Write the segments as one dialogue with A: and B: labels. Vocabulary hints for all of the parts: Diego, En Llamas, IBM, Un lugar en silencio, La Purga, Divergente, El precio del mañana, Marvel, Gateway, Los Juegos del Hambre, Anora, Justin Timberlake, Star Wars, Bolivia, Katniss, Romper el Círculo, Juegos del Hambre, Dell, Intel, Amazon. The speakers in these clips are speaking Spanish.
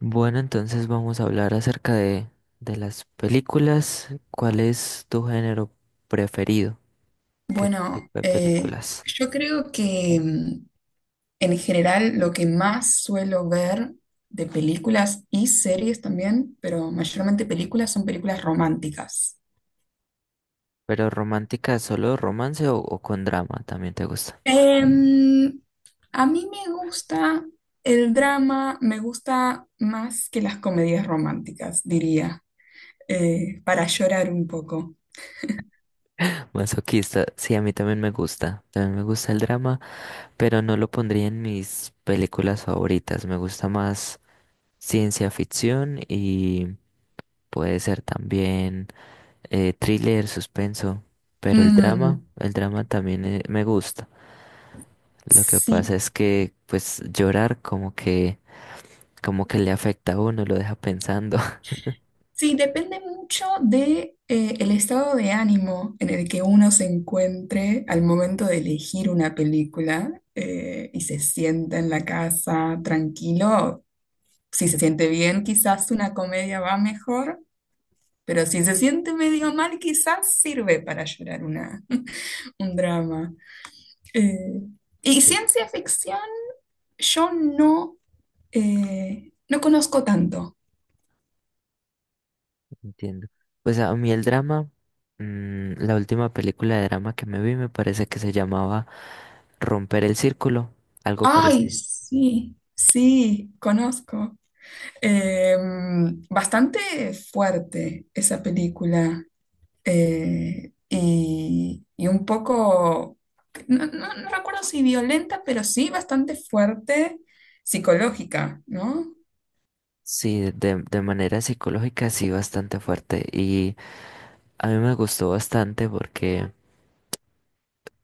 A: Bueno, entonces vamos a hablar acerca de las películas. ¿Cuál es tu género preferido? ¿Qué tipo
B: Bueno,
A: de películas?
B: yo creo que en general lo que más suelo ver de películas y series también, pero mayormente películas, son películas románticas.
A: ¿Pero romántica, solo romance o con drama? También te gusta.
B: Em, a mí me gusta el drama, me gusta más que las comedias románticas, diría, para llorar un poco.
A: Masoquista, sí, a mí también me gusta. También me gusta el drama, pero no lo pondría en mis películas favoritas. Me gusta más ciencia ficción y puede ser también thriller, suspenso. Pero el drama,
B: Mm,
A: el drama también me gusta. Lo que pasa
B: sí.
A: es que, pues, llorar como que le afecta a uno, lo deja pensando.
B: Sí, depende mucho de, el estado de ánimo en el que uno se encuentre al momento de elegir una película, y se sienta en la casa tranquilo. Si se siente bien, quizás una comedia va mejor, pero si se siente medio mal, quizás sirve para llorar una, un drama. Eh, y
A: Sí,
B: ciencia ficción, yo no conozco tanto.
A: entiendo. Pues a mí el drama, mm, la última película de drama que me vi me parece que se llamaba Romper el Círculo, algo
B: Ay,
A: parecido.
B: sí, sí, conozco. Eh, Bastante fuerte esa película, y un poco, no, no recuerdo si violenta, pero sí bastante fuerte psicológica, ¿no?
A: Sí, de manera psicológica sí bastante fuerte y a mí me gustó bastante porque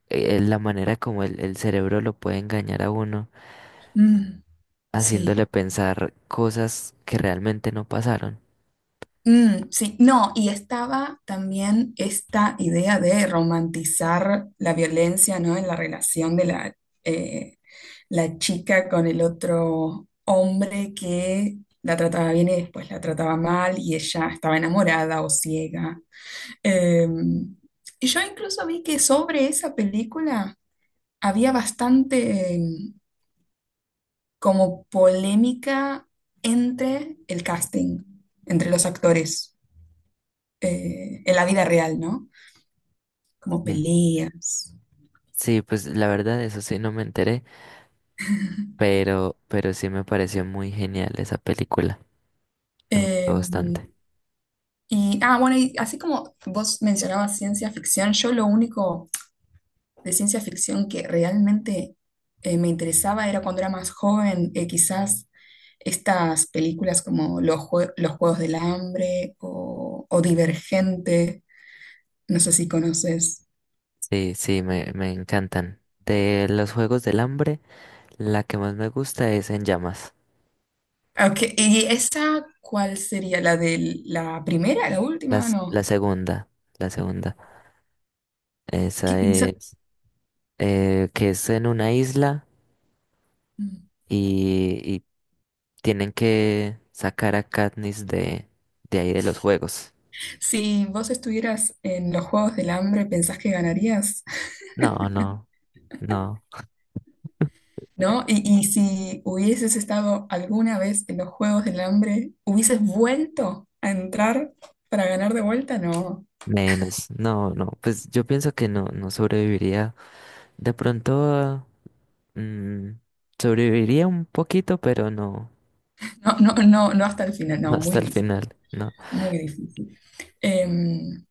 A: la manera como el cerebro lo puede engañar a uno
B: Mm,
A: haciéndole
B: sí.
A: pensar cosas que realmente no pasaron.
B: Mm, sí, no, y estaba también esta idea de romantizar la violencia, ¿no? En la relación de la, eh, la chica con el otro hombre que la trataba bien y después la trataba mal y ella estaba enamorada o ciega. Eh, y yo incluso vi que sobre esa película había bastante, como polémica entre el casting, entre los actores, en la vida real, ¿no? Como
A: Sí.
B: peleas.
A: Sí, pues la verdad, eso sí no me enteré, pero sí me pareció muy genial esa película. Me gustó
B: Eh,
A: bastante.
B: bueno, y así como vos mencionabas ciencia ficción, yo lo único de ciencia ficción que realmente, me interesaba era cuando era más joven, quizás estas películas como Los Juegos del Hambre o Divergente, no sé si conoces.
A: Sí, sí, me encantan. De los Juegos del Hambre, la que más me gusta es En Llamas.
B: Ok, ¿y esa cuál sería? ¿La de la primera, la última?
A: Las,
B: No.
A: la segunda, la segunda.
B: ¿Qué
A: Esa
B: hizo?
A: es, que es en una isla
B: Mm.
A: y tienen que sacar a Katniss de ahí de los juegos.
B: Si vos estuvieras en los Juegos del Hambre, ¿pensás que ganarías?
A: No, no, no.
B: ¿No? Y si hubieses estado alguna vez en los Juegos del Hambre, ¿hubieses vuelto a entrar para ganar de vuelta? No,
A: Menos, no, no, pues yo pienso que no, no sobreviviría. De pronto, mm, sobreviviría un poquito, pero no,
B: no, no, no, no hasta el final,
A: no
B: no,
A: hasta
B: muy
A: el
B: difícil,
A: final, no.
B: muy difícil. Em,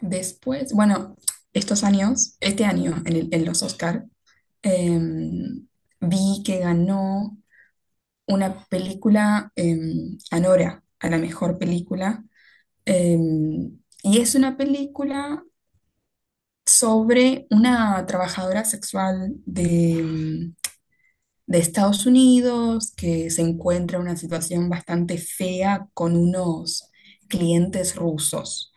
B: Después, bueno, estos años, este año en, en los Oscar, em, vi que ganó una película, em, Anora, a la mejor película. Y es una película sobre una trabajadora sexual de, de Estados Unidos que se encuentra en una situación bastante fea con unos clientes rusos.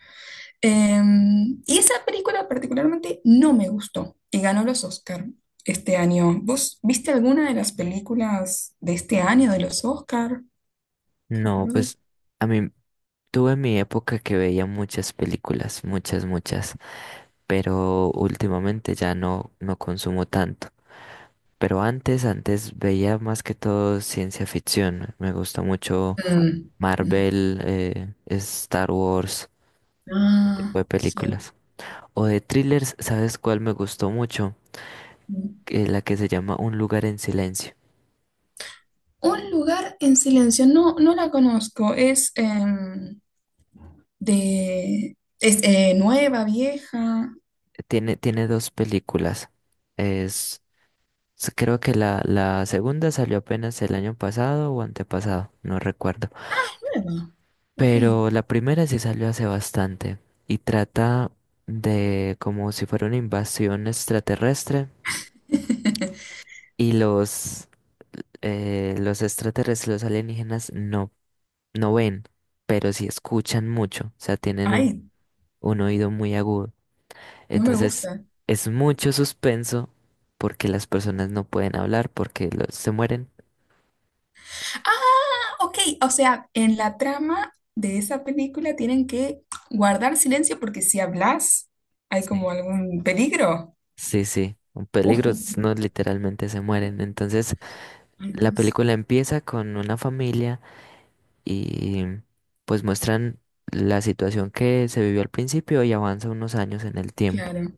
B: Y esa película particularmente no me gustó y ganó los Oscar este año. ¿Vos viste alguna de las películas de este año de los Oscar?
A: No,
B: ¿Recuerdas?
A: pues a mí tuve mi época que veía muchas películas, muchas, muchas, pero últimamente ya no, no consumo tanto. Pero antes, antes veía más que todo ciencia ficción. Me gusta mucho
B: Mm, mm.
A: Marvel, Star Wars, ese tipo
B: Ah,
A: de
B: sí.
A: películas. O de thrillers, ¿sabes cuál me gustó mucho? La que se llama Un lugar en silencio.
B: Un lugar en silencio, no, no la conozco. Es em, de. Es nueva, vieja.
A: Tiene, tiene dos películas. Es, Creo que la segunda salió apenas el año pasado o antepasado, no recuerdo.
B: Nueva. Ok.
A: Pero la primera sí salió hace bastante y trata de como si fuera una invasión extraterrestre y los extraterrestres, los alienígenas no, no ven, pero sí escuchan mucho, o sea, tienen
B: Ay,
A: un oído muy agudo.
B: no me
A: Entonces
B: gusta.
A: es mucho suspenso porque las personas no pueden hablar porque se mueren.
B: Ah, ok. O sea, en la trama de esa película tienen que guardar silencio porque si hablas hay
A: Sí.
B: como algún peligro.
A: Sí, sí, un peligro,
B: Oh,
A: no literalmente se mueren. Entonces
B: ay,
A: la
B: Dios.
A: película empieza con una familia y pues muestran la situación que se vivió al principio y avanza unos años en el tiempo.
B: Claro,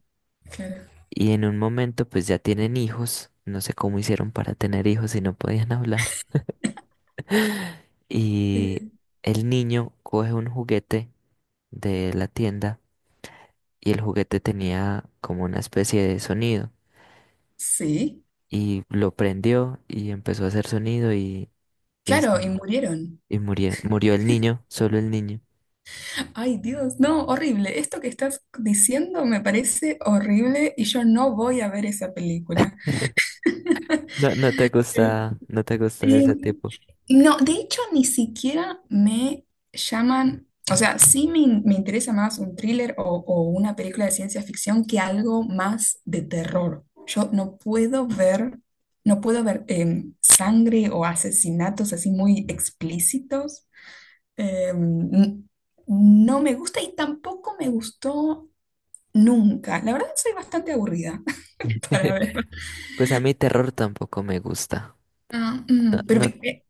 B: claro.
A: Y en un momento pues ya tienen hijos, no sé cómo hicieron para tener hijos si no podían hablar. Y
B: Eh,
A: el niño coge un juguete de la tienda y el juguete tenía como una especie de sonido
B: Sí,
A: y lo prendió y empezó a hacer sonido y, y, se-
B: claro, y murieron.
A: y murió, murió el niño, solo el niño.
B: Ay, Dios, no, horrible. Esto que estás diciendo me parece horrible y yo no voy a ver esa película.
A: No, no te
B: Sí.
A: gusta, no te gusta de
B: Eh,
A: ese tipo.
B: no, de hecho, ni siquiera me llaman, o sea, sí me, me interesa más un thriller o una película de ciencia ficción que algo más de terror. Yo no puedo ver, no puedo ver, sangre o asesinatos así muy explícitos. Eh, n- no me gusta y tampoco me gustó. Nunca. La verdad soy bastante aburrida para ver.
A: Pues a mí terror tampoco me gusta.
B: Ah,
A: No,
B: mm, pero
A: no,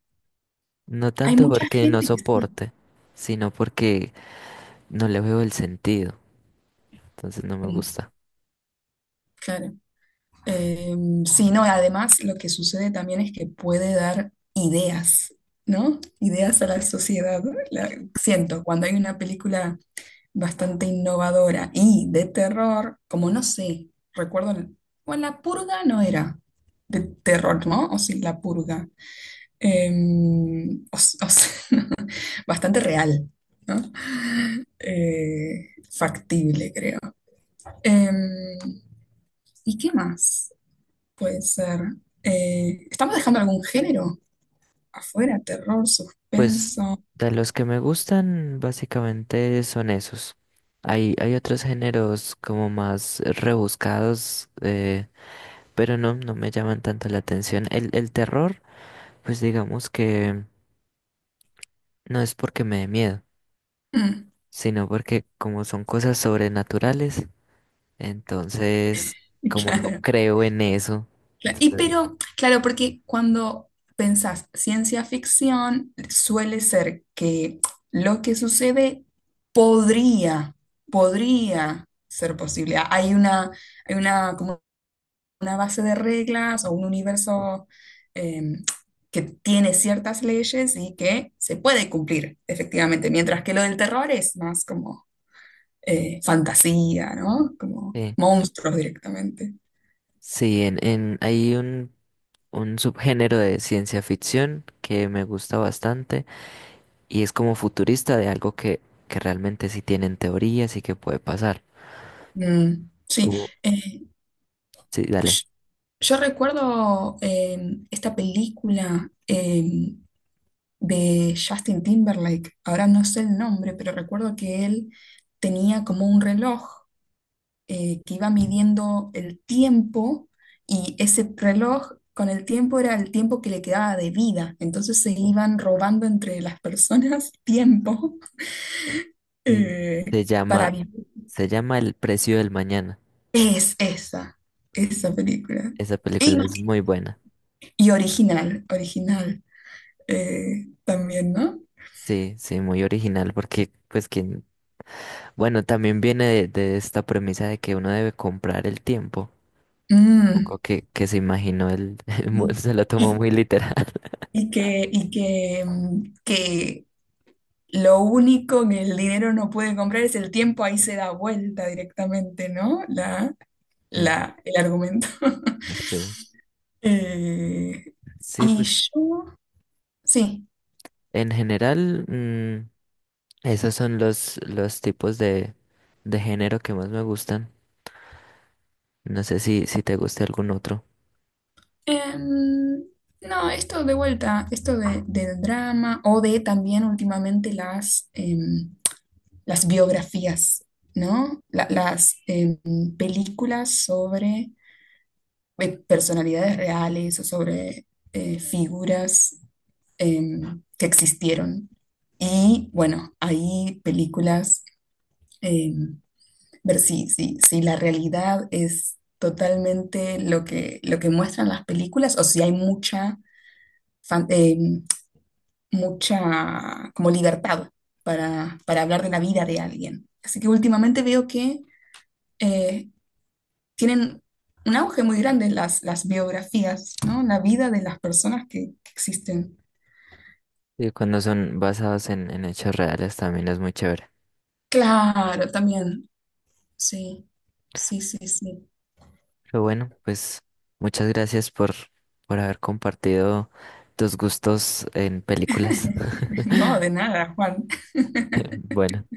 A: no
B: hay
A: tanto
B: mucha
A: porque no
B: gente que sí.
A: soporte, sino porque no le veo el sentido. Entonces no me
B: Mm,
A: gusta.
B: claro. Eh, sí, no, además lo que sucede también es que puede dar ideas, ¿no? Ideas a la sociedad. La- Siento, cuando hay una película bastante innovadora y de terror, como no sé, recuerdo, bueno, La Purga no era de terror, ¿no? O sí, La Purga. O sea, bastante real, ¿no? Factible, creo. Em, ¿Y qué más puede ser? ¿Estamos dejando algún género afuera? Terror,
A: Pues
B: suspenso.
A: de los que me gustan, básicamente son esos. Hay otros géneros como más rebuscados, pero no, no me llaman tanto la atención. El terror, pues digamos que no es porque me dé miedo,
B: Mm,
A: sino porque como son cosas sobrenaturales, entonces como no
B: claro.
A: creo en eso,
B: Claro. Y
A: entonces,
B: pero, claro, porque cuando pensás ciencia ficción, suele ser que lo que sucede podría, podría ser posible. Hay una, como una base de reglas o un universo, eh, que tiene ciertas leyes y que se puede cumplir, efectivamente, mientras que lo del terror es más como, fantasía, ¿no? Como
A: eh,
B: monstruos directamente.
A: sí, hay un subgénero de ciencia ficción que me gusta bastante. Y es como futurista de algo que realmente sí tienen teorías y que puede pasar.
B: Mm, sí.
A: Uh,
B: eh,
A: Sí,
B: Yo
A: dale.
B: yo recuerdo, esta película, em, de Justin Timberlake, ahora no sé el nombre, pero recuerdo que él tenía como un reloj, que iba midiendo el tiempo y ese reloj con el tiempo era el tiempo que le quedaba de vida, entonces se iban robando entre las personas tiempo,
A: Y
B: eh,
A: se
B: para
A: llama,
B: vivir.
A: se llama El precio del mañana.
B: Es esa, esa película.
A: Esa
B: Y,
A: película es muy buena.
B: y original, original, también, ¿no?
A: Sí, sí, muy original porque, pues, quien, bueno, también viene de esta premisa de que uno debe comprar el tiempo.
B: Mm,
A: Supongo que se imaginó el,
B: y,
A: se lo
B: y-
A: tomó muy literal.
B: y que, mm, que lo único que el dinero no puede comprar es el tiempo, ahí se da vuelta directamente, ¿no? La,
A: Mm.
B: la, el argumento.
A: Sí.
B: Eh,
A: Sí,
B: y
A: pues,
B: yo, sí.
A: en general, mm, esos son los tipos de género que más me gustan. No sé si, si te gusta algún otro.
B: Em, no, esto de vuelta, esto de, del drama o de también últimamente las, las biografías, ¿no? Las, películas sobre, personalidades reales o sobre, figuras, que existieron. Y bueno, hay películas, em, ver si, si, si la realidad es totalmente lo que muestran las películas o si hay mucha, fan- em, mucha como libertad para hablar de la vida de alguien. Así que últimamente veo que... eh, tienen un auge muy grande las biografías, ¿no? La vida de las personas que existen.
A: Y cuando son basados en hechos reales también es muy chévere.
B: Claro, también, sí, sí, sí, sí.
A: Pero bueno, pues muchas gracias por haber compartido tus gustos en películas.
B: No, de nada, Juan.
A: Bueno.